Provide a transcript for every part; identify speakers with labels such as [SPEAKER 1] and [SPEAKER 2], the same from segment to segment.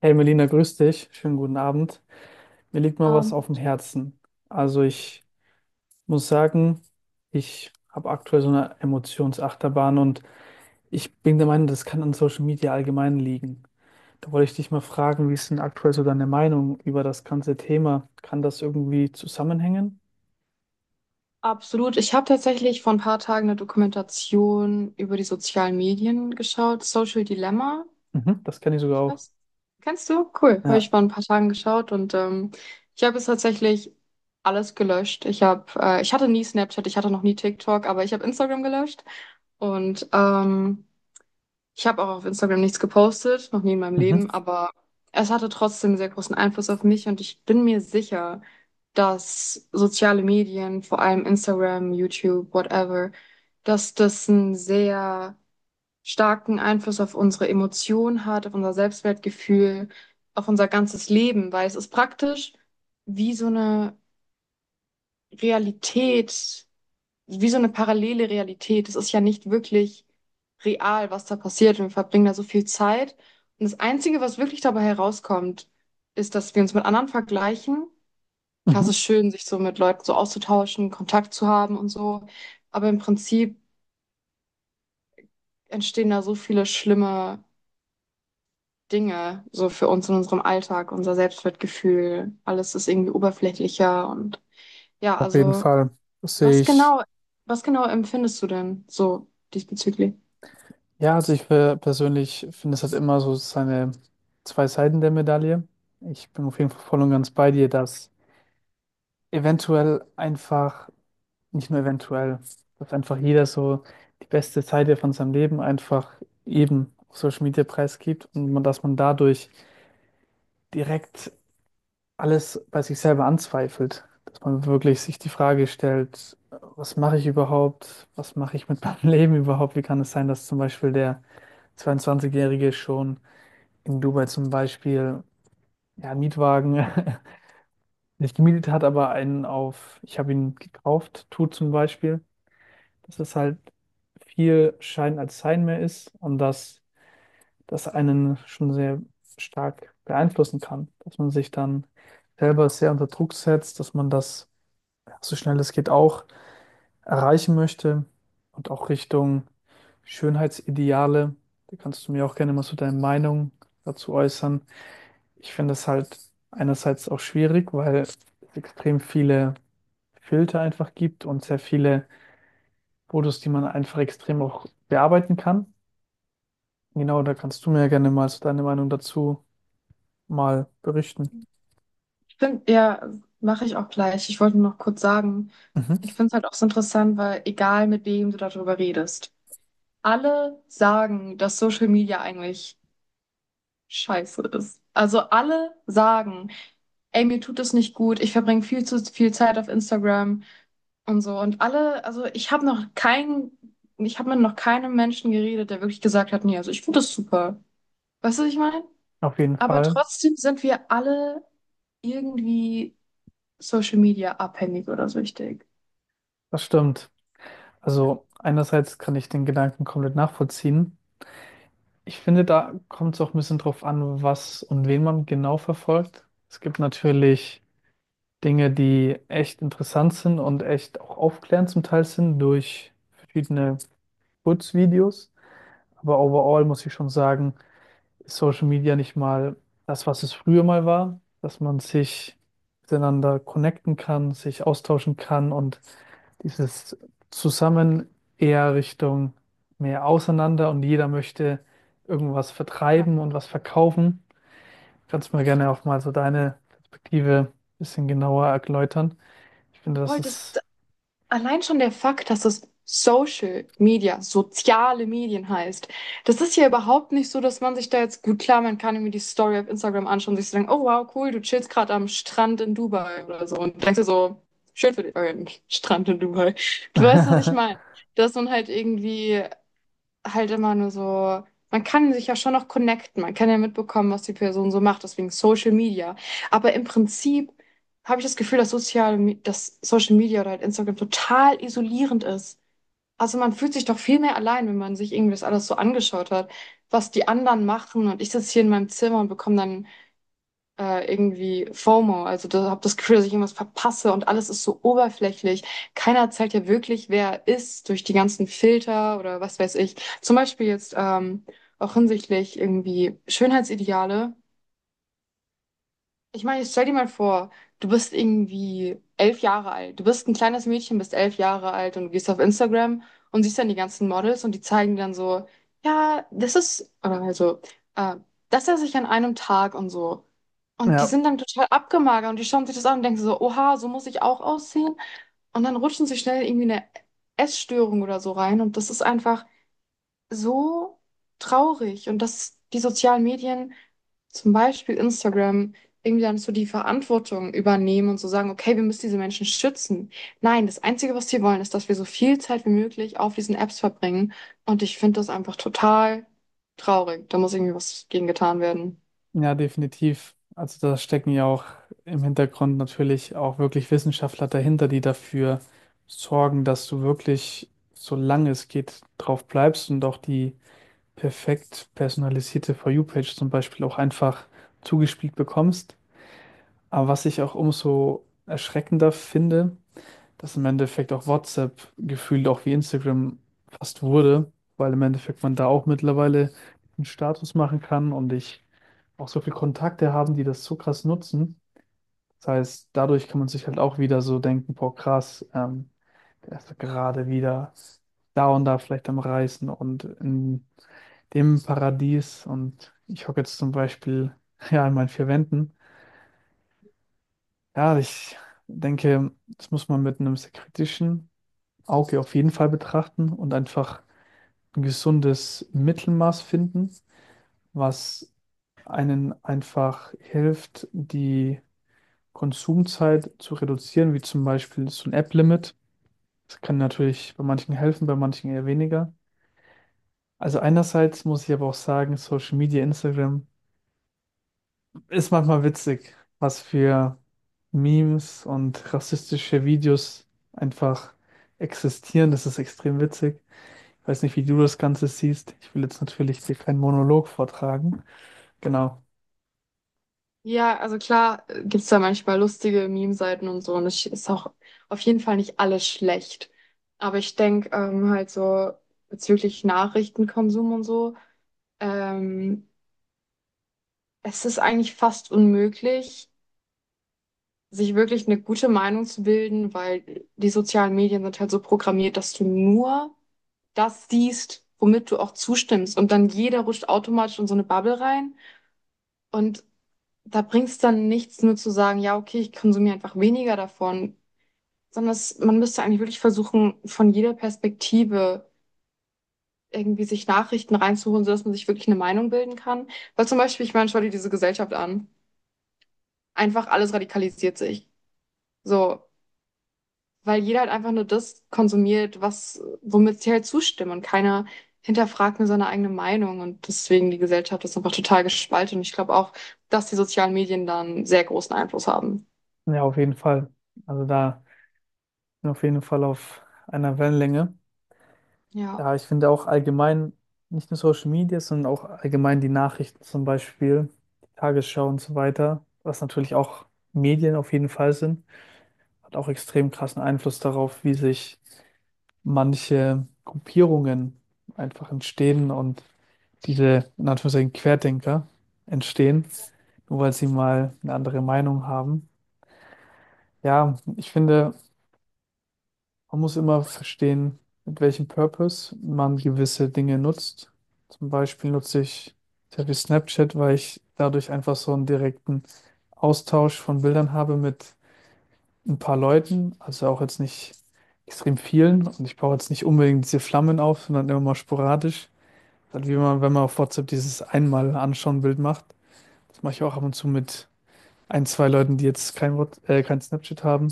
[SPEAKER 1] Hey Melina, grüß dich. Schönen guten Abend. Mir liegt mal
[SPEAKER 2] Ja,
[SPEAKER 1] was auf dem Herzen. Also ich muss sagen, ich habe aktuell so eine Emotionsachterbahn und ich bin der Meinung, das kann an Social Media allgemein liegen. Da wollte ich dich mal fragen, wie ist denn aktuell so deine Meinung über das ganze Thema? Kann das irgendwie zusammenhängen?
[SPEAKER 2] absolut. Ich habe tatsächlich vor ein paar Tagen eine Dokumentation über die sozialen Medien geschaut, Social Dilemma.
[SPEAKER 1] Mhm, das kenne ich sogar
[SPEAKER 2] Ich
[SPEAKER 1] auch.
[SPEAKER 2] weiß, kennst du? Cool. Habe ich
[SPEAKER 1] Ja,
[SPEAKER 2] vor ein paar Tagen geschaut ich habe es tatsächlich alles gelöscht. Ich habe, ich hatte nie Snapchat, ich hatte noch nie TikTok, aber ich habe Instagram gelöscht und ähm, ich habe auch auf Instagram nichts gepostet, noch nie in meinem
[SPEAKER 1] mhm,
[SPEAKER 2] Leben, aber es hatte trotzdem einen sehr großen Einfluss auf mich und ich bin mir sicher, dass soziale Medien, vor allem Instagram, YouTube, whatever, dass das einen sehr starken Einfluss auf unsere Emotionen hat, auf unser Selbstwertgefühl, auf unser ganzes Leben, weil es ist praktisch wie so eine Realität, wie so eine parallele Realität. Es ist ja nicht wirklich real, was da passiert und wir verbringen da so viel Zeit. Und das Einzige, was wirklich dabei herauskommt, ist, dass wir uns mit anderen vergleichen. Klar,
[SPEAKER 1] mhm.
[SPEAKER 2] es ist schön, sich so mit Leuten so auszutauschen, Kontakt zu haben und so. Aber im Prinzip entstehen da so viele schlimme Dinge, so für uns in unserem Alltag, unser Selbstwertgefühl. Alles ist irgendwie oberflächlicher und ja,
[SPEAKER 1] Auf jeden
[SPEAKER 2] also
[SPEAKER 1] Fall. Das sehe
[SPEAKER 2] was
[SPEAKER 1] ich.
[SPEAKER 2] genau, was genau empfindest du denn so diesbezüglich?
[SPEAKER 1] Ja, also persönlich finde, es hat immer so seine zwei Seiten der Medaille. Ich bin auf jeden Fall voll und ganz bei dir, dass eventuell einfach, nicht nur eventuell, dass einfach jeder so die beste Seite von seinem Leben einfach eben auf Social Media preisgibt und man, dass man dadurch direkt alles bei sich selber anzweifelt. Dass man wirklich sich die Frage stellt, was mache ich überhaupt? Was mache ich mit meinem Leben überhaupt? Wie kann es sein, dass zum Beispiel der 22-Jährige schon in Dubai zum Beispiel, ja, einen Mietwagen nicht gemietet hat, aber einen auf, ich habe ihn gekauft, tut, zum Beispiel, dass es halt viel Schein als Sein mehr ist und dass das einen schon sehr stark beeinflussen kann, dass man sich dann selber sehr unter Druck setzt, dass man das, ja, so schnell es geht auch erreichen möchte und auch Richtung Schönheitsideale. Da kannst du mir auch gerne mal so deine Meinung dazu äußern. Ich finde es halt einerseits auch schwierig, weil es extrem viele Filter einfach gibt und sehr viele Fotos, die man einfach extrem auch bearbeiten kann. Genau, da kannst du mir ja gerne mal so deine Meinung dazu mal berichten.
[SPEAKER 2] Find, ja, mache ich auch gleich. Ich wollte nur noch kurz sagen,
[SPEAKER 1] Mhm.
[SPEAKER 2] ich finde es halt auch so interessant, weil egal mit wem du darüber redest, alle sagen, dass Social Media eigentlich scheiße ist. Also alle sagen, ey, mir tut es nicht gut, ich verbringe viel zu viel Zeit auf Instagram und so. Und alle, also ich habe noch keinen, ich habe mit noch keinem Menschen geredet, der wirklich gesagt hat, nee, also ich finde das super. Weißt du, was ich meine?
[SPEAKER 1] Auf jeden
[SPEAKER 2] Aber
[SPEAKER 1] Fall,
[SPEAKER 2] trotzdem sind wir alle irgendwie Social Media abhängig oder süchtig.
[SPEAKER 1] das stimmt. Also einerseits kann ich den Gedanken komplett nachvollziehen. Ich finde, da kommt es auch ein bisschen drauf an, was und wen man genau verfolgt. Es gibt natürlich Dinge, die echt interessant sind und echt auch aufklärend zum Teil sind durch verschiedene Kurzvideos. Aber overall muss ich schon sagen, ist Social Media nicht mal das, was es früher mal war, dass man sich miteinander connecten kann, sich austauschen kann und dieses Zusammen eher Richtung mehr auseinander und jeder möchte irgendwas
[SPEAKER 2] Ja.
[SPEAKER 1] vertreiben und was verkaufen. Kannst du mir gerne auch mal so deine Perspektive ein bisschen genauer erläutern? Ich finde, das
[SPEAKER 2] Voll, das,
[SPEAKER 1] ist
[SPEAKER 2] allein schon der Fakt, dass es Social Media, soziale Medien heißt, das ist ja überhaupt nicht so, dass man sich da jetzt gut, klar, man kann irgendwie die Story auf Instagram anschauen und sich so denken, oh wow, cool, du chillst gerade am Strand in Dubai oder so. Und denkst dir so, schön für dich, Strand in Dubai. Du weißt, was ich meine. Dass man halt irgendwie halt immer nur so, man kann sich ja schon noch connecten, man kann ja mitbekommen, was die Person so macht, deswegen Social Media. Aber im Prinzip habe ich das Gefühl, dass Social Media oder halt Instagram total isolierend ist. Also man fühlt sich doch viel mehr allein, wenn man sich irgendwie das alles so angeschaut hat, was die anderen machen. Und ich sitze hier in meinem Zimmer und bekomme dann irgendwie FOMO, also da habe das Gefühl, dass ich irgendwas verpasse und alles ist so oberflächlich. Keiner zeigt ja wirklich, wer er ist durch die ganzen Filter oder was weiß ich. Zum Beispiel jetzt auch hinsichtlich irgendwie Schönheitsideale. Ich meine, jetzt stell dir mal vor, du bist irgendwie 11 Jahre alt. Du bist ein kleines Mädchen, bist 11 Jahre alt und gehst auf Instagram und siehst dann die ganzen Models und die zeigen dann so, ja, das ist, oder also, äh, das esse ich an einem Tag und so. Und die
[SPEAKER 1] ja,
[SPEAKER 2] sind dann total abgemagert und die schauen sich das an und denken so, oha, so muss ich auch aussehen. Und dann rutschen sie schnell irgendwie eine Essstörung oder so rein. Und das ist einfach so traurig. Und dass die sozialen Medien, zum Beispiel Instagram, irgendwie dann so die Verantwortung übernehmen und so sagen, okay, wir müssen diese Menschen schützen. Nein, das Einzige, was sie wollen, ist, dass wir so viel Zeit wie möglich auf diesen Apps verbringen. Und ich finde das einfach total traurig. Da muss irgendwie was gegen getan werden.
[SPEAKER 1] ja, definitiv. Also da stecken ja auch im Hintergrund natürlich auch wirklich Wissenschaftler dahinter, die dafür sorgen, dass du wirklich, solange es geht, drauf bleibst und auch die perfekt personalisierte For You-Page zum Beispiel auch einfach zugespielt bekommst. Aber was ich auch umso erschreckender finde, dass im Endeffekt auch WhatsApp gefühlt auch wie Instagram fast wurde, weil im Endeffekt man da auch mittlerweile einen Status machen kann und ich auch so viele Kontakte haben, die das so krass nutzen. Das heißt, dadurch kann man sich halt auch wieder so denken, boah, krass, der ist doch gerade wieder da und da vielleicht am Reisen und in dem Paradies und ich hocke jetzt zum Beispiel ja in meinen vier Wänden. Ja, ich denke, das muss man mit einem sehr kritischen Auge auf jeden Fall betrachten und einfach ein gesundes Mittelmaß finden, was einen einfach hilft, die Konsumzeit zu reduzieren, wie zum Beispiel so ein App-Limit. Das kann natürlich bei manchen helfen, bei manchen eher weniger. Also einerseits muss ich aber auch sagen, Social Media, Instagram ist manchmal witzig, was für Memes und rassistische Videos einfach existieren. Das ist extrem witzig. Ich weiß nicht, wie du das Ganze siehst. Ich will jetzt natürlich dir keinen Monolog vortragen. Genau.
[SPEAKER 2] Ja, also klar, gibt's da manchmal lustige Meme-Seiten und so und es ist auch auf jeden Fall nicht alles schlecht. Aber ich denk, halt so bezüglich Nachrichtenkonsum und so, ähm, es ist eigentlich fast unmöglich, sich wirklich eine gute Meinung zu bilden, weil die sozialen Medien sind halt so programmiert, dass du nur das siehst, womit du auch zustimmst und dann jeder rutscht automatisch in so eine Bubble rein und da bringt's dann nichts, nur zu sagen, ja, okay, ich konsumiere einfach weniger davon. Sondern es, man müsste eigentlich wirklich versuchen, von jeder Perspektive irgendwie sich Nachrichten reinzuholen, sodass man sich wirklich eine Meinung bilden kann. Weil zum Beispiel, ich meine, schau dir diese Gesellschaft an. Einfach alles radikalisiert sich. So, weil jeder halt einfach nur das konsumiert, was, womit sie halt zustimmen und keiner hinterfragt nur seine eigene Meinung und deswegen die Gesellschaft ist einfach total gespalten und ich glaube auch, dass die sozialen Medien da einen sehr großen Einfluss haben.
[SPEAKER 1] Ja, auf jeden Fall. Also da bin ich auf jeden Fall auf einer Wellenlänge.
[SPEAKER 2] Ja,
[SPEAKER 1] Ja, ich finde auch allgemein, nicht nur Social Media, sondern auch allgemein die Nachrichten zum Beispiel, die Tagesschau und so weiter, was natürlich auch Medien auf jeden Fall sind, hat auch extrem krassen Einfluss darauf, wie sich manche Gruppierungen einfach entstehen und diese, in Anführungszeichen, Querdenker entstehen, nur weil sie mal eine andere Meinung haben. Ja, ich finde, man muss immer verstehen, mit welchem Purpose man gewisse Dinge nutzt. Zum Beispiel nutze ich sehr viel Snapchat, weil ich dadurch einfach so einen direkten Austausch von Bildern habe mit ein paar Leuten, also auch jetzt nicht extrem vielen. Und ich baue jetzt nicht unbedingt diese Flammen auf, sondern immer mal sporadisch. Dann wie man, wenn man auf WhatsApp dieses einmal anschauen Bild macht. Das mache ich auch ab und zu mit ein, zwei Leuten, die jetzt kein kein Snapchat haben.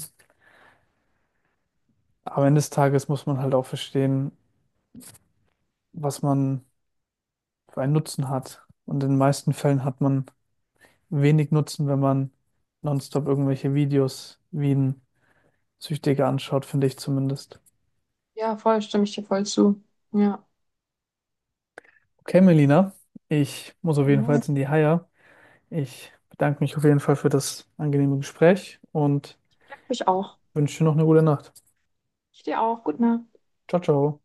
[SPEAKER 1] Am Ende des Tages muss man halt auch verstehen, was man für einen Nutzen hat. Und in den meisten Fällen hat man wenig Nutzen, wenn man nonstop irgendwelche Videos wie ein Süchtiger anschaut, finde ich zumindest.
[SPEAKER 2] ja, voll, stimme ich dir voll zu. Ja,
[SPEAKER 1] Okay, Melina, ich muss auf
[SPEAKER 2] ich.
[SPEAKER 1] jeden Fall
[SPEAKER 2] Mhm.
[SPEAKER 1] jetzt in die Haia. Ich bedanke mich auf jeden Fall für das angenehme Gespräch und
[SPEAKER 2] Ich auch.
[SPEAKER 1] wünsche dir noch eine gute Nacht.
[SPEAKER 2] Ich dir auch. Gut, Nacht.
[SPEAKER 1] Ciao, ciao.